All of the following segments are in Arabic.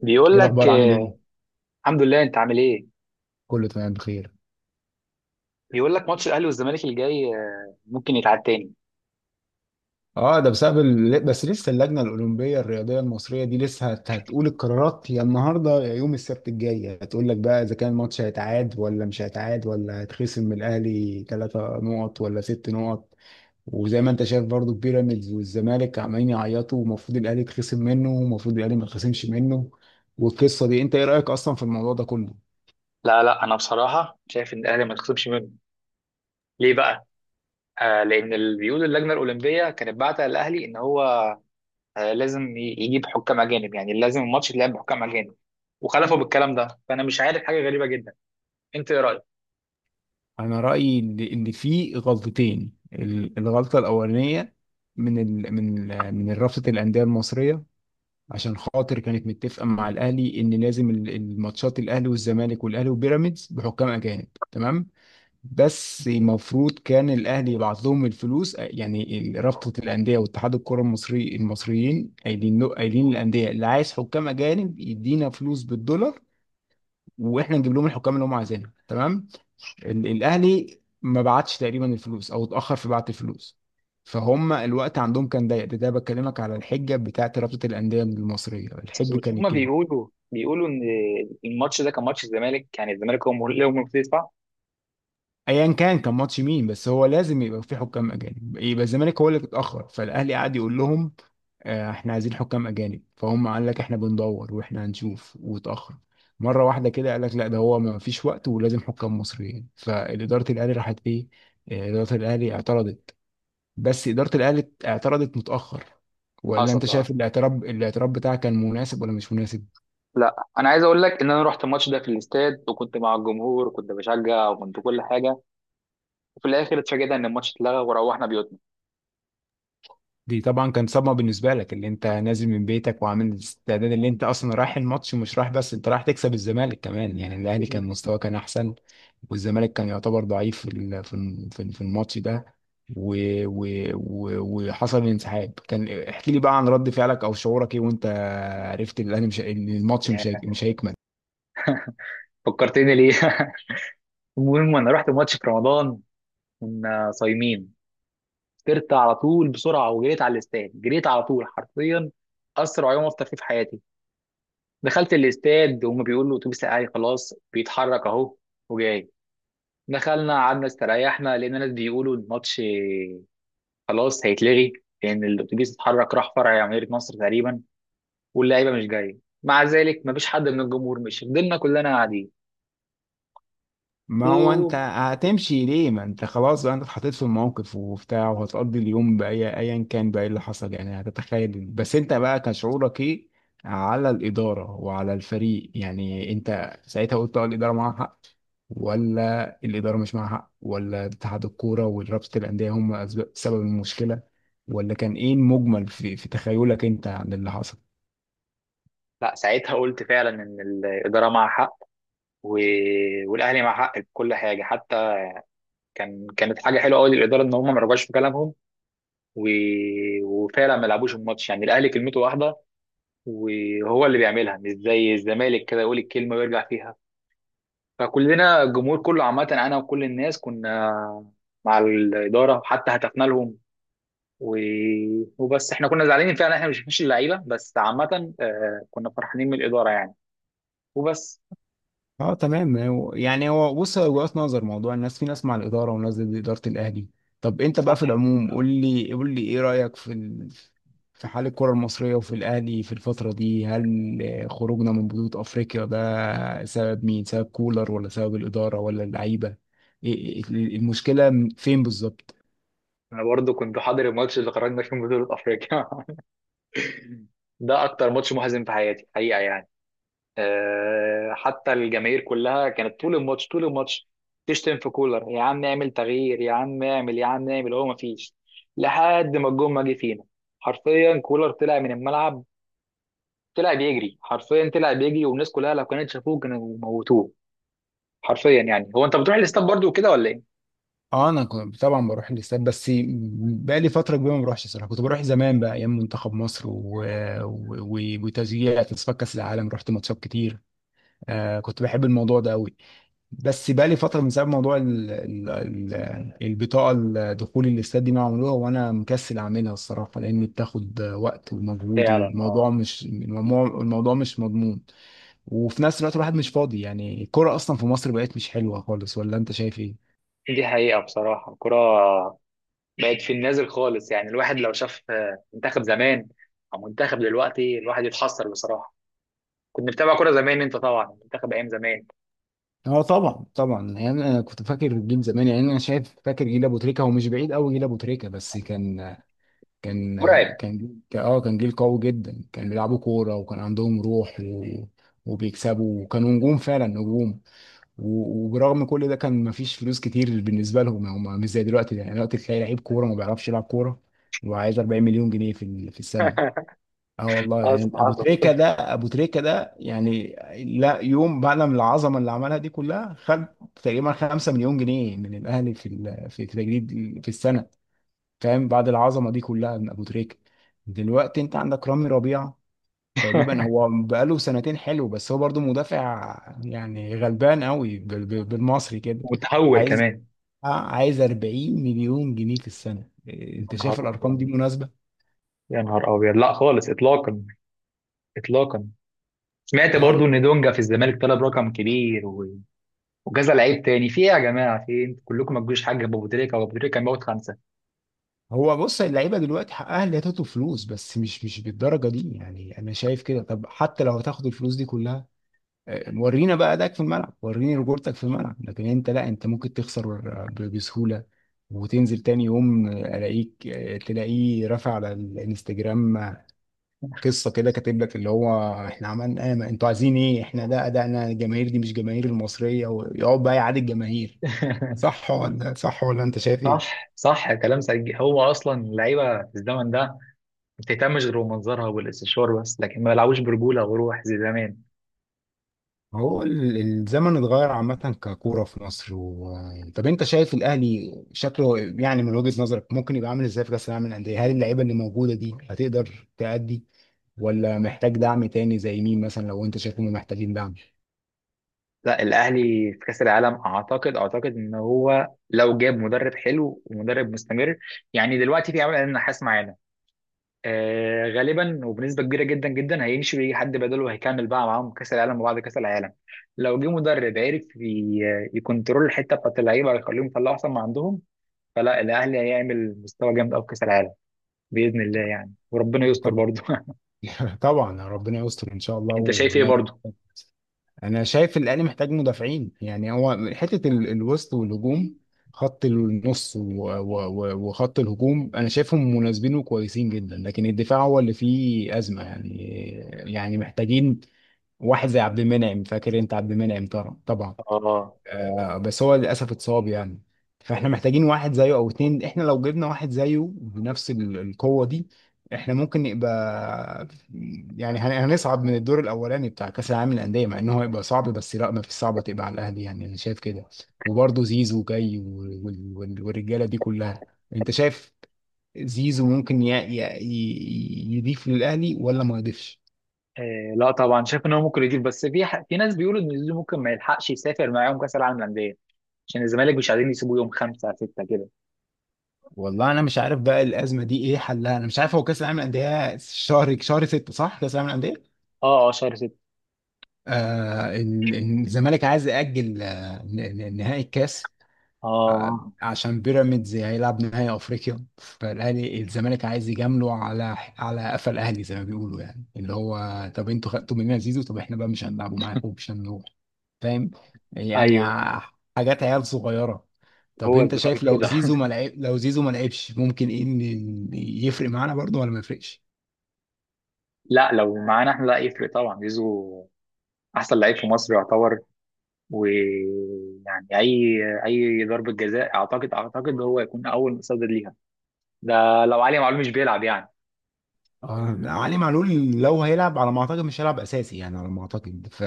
بيقول ايه لك الاخبار؟ عامل ايه؟ آه. الحمد لله، انت عامل ايه؟ كله تمام، بخير. بيقول لك ماتش الاهلي والزمالك الجاي ممكن يتعاد تاني. اه، ده بسبب بس لسه اللجنه الاولمبيه الرياضيه المصريه دي لسه هتقول القرارات يا النهارده يا يوم السبت الجاي، هتقول لك بقى اذا كان الماتش هيتعاد ولا مش هيتعاد ولا هيتخصم من الاهلي ثلاثة نقط ولا ست نقط. وزي ما انت شايف برضو بيراميدز والزمالك عمالين يعيطوا، ومفروض الاهلي يتخصم منه ومفروض الاهلي ما يتخصمش منه. والقصه دي، انت ايه رايك اصلا في الموضوع ده كله؟ لا لا، انا بصراحه شايف ان الاهلي ما يتخصمش منه. ليه بقى؟ آه، لان اللي بيقول اللجنه الاولمبيه كانت بعت الاهلي ان هو آه، لازم يجيب حكام اجانب، يعني لازم الماتش يتلعب بحكام اجانب. وخلفوا بالكلام ده، فانا مش عارف، حاجه غريبه جدا. انت ايه رايك؟ انا رايي ان في غلطتين، الغلطه الاولانيه من ال من ال من رابطه الانديه المصريه، عشان خاطر كانت متفقه مع الاهلي ان لازم الماتشات الاهلي والزمالك والاهلي وبيراميدز بحكام اجانب، تمام. بس المفروض كان الاهلي يبعت لهم الفلوس، يعني رابطه الانديه واتحاد الكره المصري المصريين قايلين له، قايلين للانديه اللي عايز حكام اجانب يدينا فلوس بالدولار، واحنا نجيب لهم الحكام اللي هم عايزينها، تمام. الاهلي ما بعتش تقريبا الفلوس، او اتاخر في بعت الفلوس، فهم الوقت عندهم كان ضيق. ده بكلمك على الحجه بتاعت رابطه الانديه المصريه، بس الحجه مش هما كانت كده. بيقولوا ان الماتش ده كان ماتش الزمالك، يعني الزمالك هو اللي هو المفروض يدفع. ايا كان كان ماتش مين، بس هو لازم يبقى في حكام اجانب، يبقى الزمالك هو اللي اتاخر، فالاهلي قعد يقول لهم: احنا عايزين حكام اجانب، فهم قال لك احنا بندور واحنا هنشوف، واتاخر مره واحده كده قال لك لا ده هو ما فيش وقت ولازم حكام مصريين، فاداره الاهلي راحت ايه؟ اداره الاهلي اعترضت، بس إدارة الأهلي اعترضت متأخر. ولا أنت حصل. شايف الاعتراض، الاعتراض بتاعك كان مناسب ولا مش مناسب؟ لا، انا عايز اقول لك ان انا رحت الماتش ده في الاستاد، وكنت مع الجمهور، وكنت بشجع، وكنت كل حاجه. وفي الاخر اتفاجئنا ان الماتش اتلغى، وروحنا بيوتنا. دي طبعا كان صدمة بالنسبة لك، اللي أنت نازل من بيتك وعامل الاستعداد، اللي أنت أصلا رايح الماتش، مش رايح بس، أنت رايح تكسب الزمالك كمان، يعني الأهلي كان مستواه كان أحسن، والزمالك كان يعتبر ضعيف في في الماتش ده. و... و... و... وحصل الانسحاب، كان احكي لي بقى عن رد فعلك أو شعورك إيه، وأنت عرفت الأهلي مش إن الماتش ياه. مش هيكمل. فكرتني ليه؟ المهم، انا رحت الماتش في رمضان. كنا صايمين. فطرت على طول بسرعه، وجريت على الاستاد، جريت على طول حرفيا. اسرع يوم افطر فيه في حياتي. دخلت الاستاد وهم بيقولوا الاتوبيس الاهلي خلاص بيتحرك اهو. وجاي. دخلنا قعدنا استريحنا، لان الناس بيقولوا الماتش خلاص هيتلغي. لان الاتوبيس اتحرك، راح فرع جمهورية مصر تقريبا. واللعيبه مش جايه. مع ذلك مفيش حد من الجمهور مشي، فضلنا كلنا قاعدين. ما هو انت و هتمشي ليه؟ ما انت خلاص بقى، انت اتحطيت في الموقف وبتاع، وهتقضي اليوم باي، ايا كان بقى إيه اللي حصل، يعني هتتخيل، بس انت بقى كان شعورك ايه على الاداره وعلى الفريق؟ يعني انت ساعتها قلت اه الاداره معاها حق، ولا الاداره مش معاها حق، ولا اتحاد الكوره ورابطه الانديه هم سبب المشكله، ولا كان ايه المجمل في في تخيلك انت عن اللي حصل؟ لا، ساعتها قلت فعلا ان الاداره مع حق. و... والاهلي مع حق في كل حاجه، حتى كانت حاجه حلوه قوي للاداره ان هم ما رجعوش في كلامهم. و... وفعلا ما لعبوش الماتش، يعني الاهلي كلمته واحده. وهو اللي بيعملها، مش زي الزمالك كده يقول الكلمه ويرجع فيها. فكلنا الجمهور كله، عامة أنا وكل الناس، كنا مع الإدارة، حتى هتفنا لهم. و... وبس إحنا كنا زعلانين فعلا، إحنا مش اللعيبة، بس عامة كنا فرحانين من الإدارة، يعني. وبس. اه تمام. يعني هو بص، هو وجهات نظر موضوع، الناس في ناس مع الاداره وناس ضد اداره الاهلي. طب انت بقى صح. في العموم، قول لي قول لي ايه رايك في في حال الكره المصريه، وفي الاهلي في الفتره دي؟ هل خروجنا من بطوله افريقيا ده سبب مين؟ سبب كولر ولا سبب الاداره ولا اللعيبه؟ المشكله فين بالظبط؟ أنا برضو كنت حاضر الماتش اللي خرجنا فيه من بطولة أفريقيا. ده أكتر ماتش محزن في حياتي حقيقة، يعني. حتى الجماهير كلها كانت طول الماتش طول الماتش تشتم في كولر، يا عم اعمل تغيير، يا عم اعمل، يا عم اعمل، هو مفيش. لحد ما الجون ما جه فينا. حرفيا كولر طلع من الملعب. طلع بيجري حرفيا، طلع بيجري، والناس كلها لو كانت شافوه كانوا موتوه. حرفيا يعني. هو انت بتروح الاستاد برضو وكده ولا ايه؟ اه انا كنت طبعا بروح الاستاد، بس بقى لي فتره كبيره ما بروحش صراحه، كنت بروح زمان بقى ايام منتخب مصر وتشجيع تصفيات كاس العالم، رحت ماتشات كتير. آه كنت بحب الموضوع ده قوي، بس بقى لي فتره من سبب موضوع ال ال ال البطاقه الدخول الاستاد دي ما عملوها، وانا مكسل اعملها الصراحه، لان بتاخد وقت ومجهود، فعلا، والموضوع اه. مش الموضوع، الموضوع مش مضمون. وفي نفس الوقت الواحد مش فاضي، يعني الكوره اصلا في مصر بقت مش حلوه خالص، ولا انت شايف ايه؟ دي حقيقة، بصراحة الكرة بقت في النازل خالص، يعني الواحد لو شاف منتخب زمان أو منتخب دلوقتي، الواحد يتحسر بصراحة. كنت متابع كوره زمان، انت طبعا منتخب ايام زمان؟ اه طبعا طبعا، يعني انا كنت فاكر جيل زمان، يعني انا شايف فاكر جيل ابو تريكه، هو مش بعيد قوي جيل ابو تريكه، بس كان مرعب. كان جيل قوي جدا، كان بيلعبوا كوره وكان عندهم روح وبيكسبوا وكانوا نجوم فعلا نجوم. وبرغم كل ده كان مفيش فلوس كتير بالنسبه لهم، يعني هم مش زي دلوقتي، يعني دلوقتي تلاقي لعيب كوره ما بيعرفش يلعب كوره وعايز 40 مليون جنيه في في السنه. اه والله، حصل يعني ابو حصل. تريكه ده ابو تريكه ده يعني لا يوم بعد من العظمه اللي عملها دي كلها، خد تقريبا 5 مليون جنيه من الاهلي في في التجديد في السنه، فاهم؟ بعد العظمه دي كلها من ابو تريكه. دلوقتي انت عندك رامي ربيعه، تقريبا هو بقاله سنتين حلو، بس هو برضو مدافع، يعني غلبان قوي بالمصري كده. متهور عايز كمان. عايز 40 مليون جنيه في السنه. إيه، انت يا نهار شايف الارقام دي ابيض. مناسبه؟ يا نهار ابيض، لا خالص اطلاقا. اطلاقا. سمعت برضو اه ان دونجا في الزمالك طلب رقم كبير وجزا لعيب تاني! في ايه يا جماعه؟ في ايه؟ انتوا كلكم ما تجوش حاجه ابو تريكه، وابو تريكه كان موت خمسه. هو بص، اللعيبه دلوقتي حقها اللي هتاخد فلوس، بس مش بالدرجه دي، يعني انا شايف كده. طب حتى لو هتاخد الفلوس دي كلها، ورينا بقى ادائك في الملعب، وريني رجولتك في الملعب، لكن انت لا، انت ممكن تخسر بسهولة، وتنزل تاني يوم الاقيك تلاقيه رافع على الانستجرام قصة كده، كاتب لك اللي هو احنا عملنا ايه، ما انتوا عايزين ايه، احنا ده ادائنا، الجماهير دي مش جماهير المصرية، ويقعد بقى يعادي الجماهير. صح ولا صح، ولا انت شايف ايه؟ صح صح، كلام سجي. هو اصلا اللعيبه في الزمن ده ما بتهتمش غير بمنظرها والاستشوار بس، لكن ما بيلعبوش برجوله وروح زي زمان. هو الزمن اتغير عامة، ككورة في مصر طب انت شايف الاهلي شكله، يعني من وجهة نظرك، ممكن يبقى عامل ازاي في كأس العالم للأندية؟ هل اللعيبة اللي موجودة دي هتقدر تأدي، ولا محتاج دعم تاني زي مين مثلا لو انت شايفهم محتاجين دعم؟ لا، الاهلي في كاس العالم اعتقد ان هو لو جاب مدرب حلو ومدرب مستمر، يعني دلوقتي في عمل النحاس معانا، غالبا وبنسبه كبيره جدا جدا هيمشي ويجي حد بداله، وهيكمل بقى معاهم كاس العالم وبعد كاس العالم. لو جه مدرب عرف يكنترول الحته بتاعت اللعيبه، ويخليهم يطلعوا احسن ما عندهم، فلا، الاهلي هيعمل مستوى جامد قوي في كاس العالم، باذن الله يعني، وربنا يستر طبعا برضه. طبعا ربنا يستر ان شاء الله انت شايف ايه ونعمل. برضه؟ انا شايف الاهلي محتاج مدافعين، يعني هو حته الوسط والهجوم، خط النص وخط الهجوم انا شايفهم مناسبين وكويسين جدا، لكن الدفاع هو اللي فيه ازمه يعني. يعني محتاجين واحد زي عبد المنعم، فاكر انت عبد المنعم؟ طبعا طبعا. اه. بس هو للاسف اتصاب يعني، فاحنا محتاجين واحد زيه او اتنين، احنا لو جبنا واحد زيه بنفس القوه دي احنا ممكن نبقى، يعني هنصعد من الدور الاولاني بتاع كاس العالم للانديه، مع ان هو هيبقى صعب، بس لا ما فيش صعبه تبقى على الاهلي، يعني انا شايف كده. وبرضه زيزو جاي والرجاله دي كلها. انت شايف زيزو ممكن يضيف للاهلي ولا ما يضيفش؟ آه لا طبعا، شايف ان هو ممكن يضيف، بس في في ناس بيقولوا ان زيزو ممكن ما يلحقش يسافر معاهم كاس العالم للانديه، عشان الزمالك مش عايزين يسيبوه يوم خمسة ستة كده. والله انا مش عارف بقى الازمه دي ايه حلها، انا مش عارف. هو كاس العالم للانديه شهر 6 صح كاس العالم للانديه؟ اه اه، شهر ستة. آه الزمالك عايز ياجل نهائي الكاس، اه. عشان بيراميدز هيلعب نهائي افريقيا، فالاهلي الزمالك عايز يجامله على على قفا الاهلي زي ما بيقولوا، يعني اللي هو طب انتوا خدتوا مننا زيزو، طب احنا بقى مش هنلعبه معاكم، مش هنروح، فاهم؟ يعني ايوه. حاجات عيال صغيرة. طب هو انت الزمالك شايف كده. لو زيزو ما لعبش ممكن ايه يفرق معانا برضه ولا ما يفرقش؟ لا، لو معانا احنا لا يفرق طبعا، زيزو احسن لعيب في مصر يعتبر. ويعني اي ضربه جزاء، اعتقد هو يكون اول مصدر ليها. ده لو علي معلول مش بيلعب، يعني. اه علي معلول لو هيلعب على ما اعتقد مش هيلعب اساسي، يعني على ما اعتقد ف.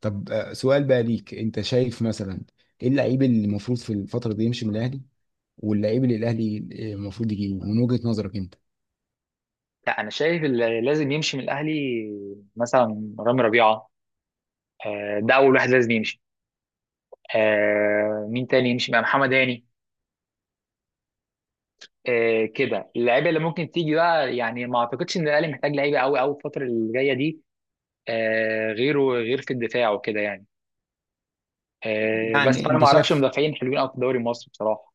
طب سؤال بقى ليك، انت شايف مثلا ايه اللعيب اللي المفروض في الفترة دي يمشي من الاهلي، واللعيب اللي الاهلي المفروض يجيبه من وجهة نظرك انت؟ لا، انا شايف اللي لازم يمشي من الاهلي مثلا رامي ربيعه، ده اول واحد لازم يمشي. مين تاني يمشي؟ مع محمد هاني. كده اللعيبه اللي ممكن تيجي بقى، يعني ما اعتقدش ان الاهلي محتاج لعيبه قوي قوي الفتره اللي جايه دي. غيره، غير في الدفاع وكده يعني. بس يعني انا انت ما اعرفش شايف، مدافعين حلوين قوي في الدوري المصري بصراحه.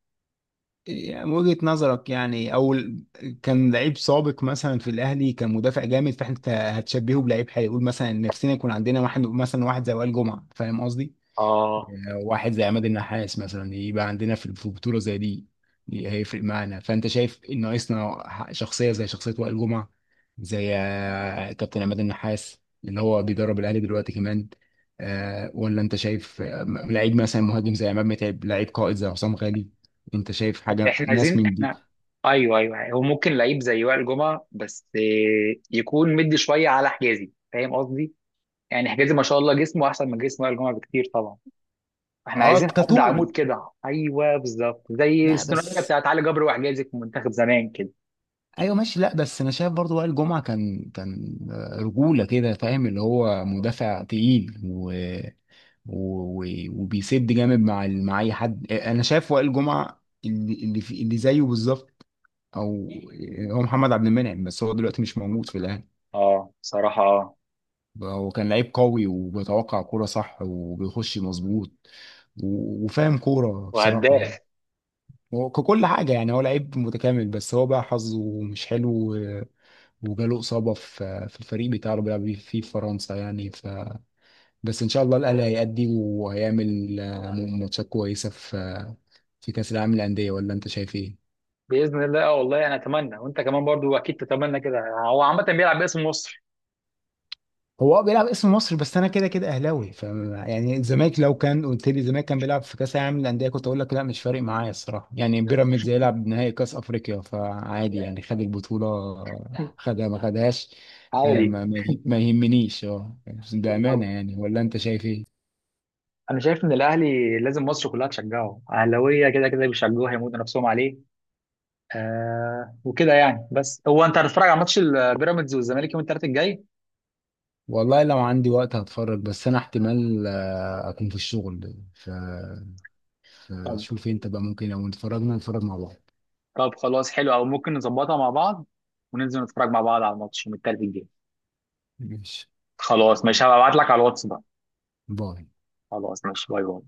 يعني من وجهة نظرك، يعني او كان لعيب سابق مثلا في الاهلي كان مدافع جامد، فاحنا هتشبهه بلعيب هيقول مثلا نفسنا يكون عندنا واحد مثلا واحد زي وائل جمعة، فاهم قصدي؟ اه. واحد زي عماد النحاس مثلا، يبقى عندنا في في بطولة زي دي، دي هيفرق معانا، فأنت شايف إن ناقصنا شخصية زي شخصية وائل جمعة، زي كابتن عماد النحاس اللي هو بيدرب الأهلي دلوقتي كمان، ولا أنت شايف لعيب مثلا مهاجم زي عماد متعب، لعيب قائد زي حسام غالي؟ أنت شايف حاجة احنا ناس عايزين من دي؟ احنا ايوه ايوه، هو ممكن لعيب زي وائل جمعه، بس يكون مدي شويه على حجازي، فاهم قصدي؟ يعني حجازي ما شاء الله جسمه احسن من جسم وائل جمعه بكتير، طبعا. احنا اه عايزين حد كطول، عمود كده، ايوه بالظبط زي لا الثنائيه بس، بتاعت علي جبر وحجازي في منتخب زمان كده. ايوه ماشي. لا بس انا شايف برضو وائل جمعة كان رجولة كده، فاهم؟ اللي هو مدافع تقيل و- و- وبيسد جامد مع مع اي حد، انا شايف وائل جمعه اللي في اللي زيه بالظبط، او هو محمد عبد المنعم، بس هو دلوقتي مش موجود في الاهلي. اه، بصراحه، اه. هو كان لعيب قوي وبيتوقع كوره صح وبيخش مظبوط وفاهم كوره بصراحه يعني، وهداف. هو ككل حاجه يعني، هو لعيب متكامل بس هو بقى حظه مش حلو وجاله اصابه في في الفريق بتاعه اللي بيلعب فيه في فرنسا يعني. بس ان شاء الله الاهلي هيأدي وهيعمل ماتشات كويسه في في كاس العالم للانديه، ولا انت شايف ايه؟ باذن الله، اه والله انا اتمنى، وانت كمان برضو اكيد تتمنى كده. هو عامه بيلعب باسم مصر. هو اه بيلعب اسم مصر، بس انا كده كده اهلاوي، ف يعني الزمالك لو كان قلت لي الزمالك كان بيلعب في كاس العالم للانديه كنت اقول لك لا مش فارق معايا الصراحه، يعني بيراميدز هيلعب نهائي كاس افريقيا فعادي، يعني خد البطوله خدها ما خدهاش. عادي. ما يهمنيش اه، بامانه بالظبط. يعني، ولا انت شايف ايه؟ انا شايف ان الاهلي لازم مصر كلها تشجعه، اهلاويه كده كده بيشجعوه هيموتوا نفسهم عليه، وكده يعني. بس هو، انت هتتفرج على ماتش البيراميدز والزمالك يوم الثلاث الجاي؟ والله لو عندي وقت هتفرج، بس انا احتمال اكون في الشغل. طب. شوف انت بقى ممكن لو اتفرجنا نتفرج مع بعض. طب خلاص حلو، او ممكن نظبطها مع بعض، وننزل نتفرج مع بعض على الماتش يوم الثلاث الجاي. ماشي، خلاص ماشي، هبعت لك على الواتس بقى. باي. خلاص ماشي، باي باي.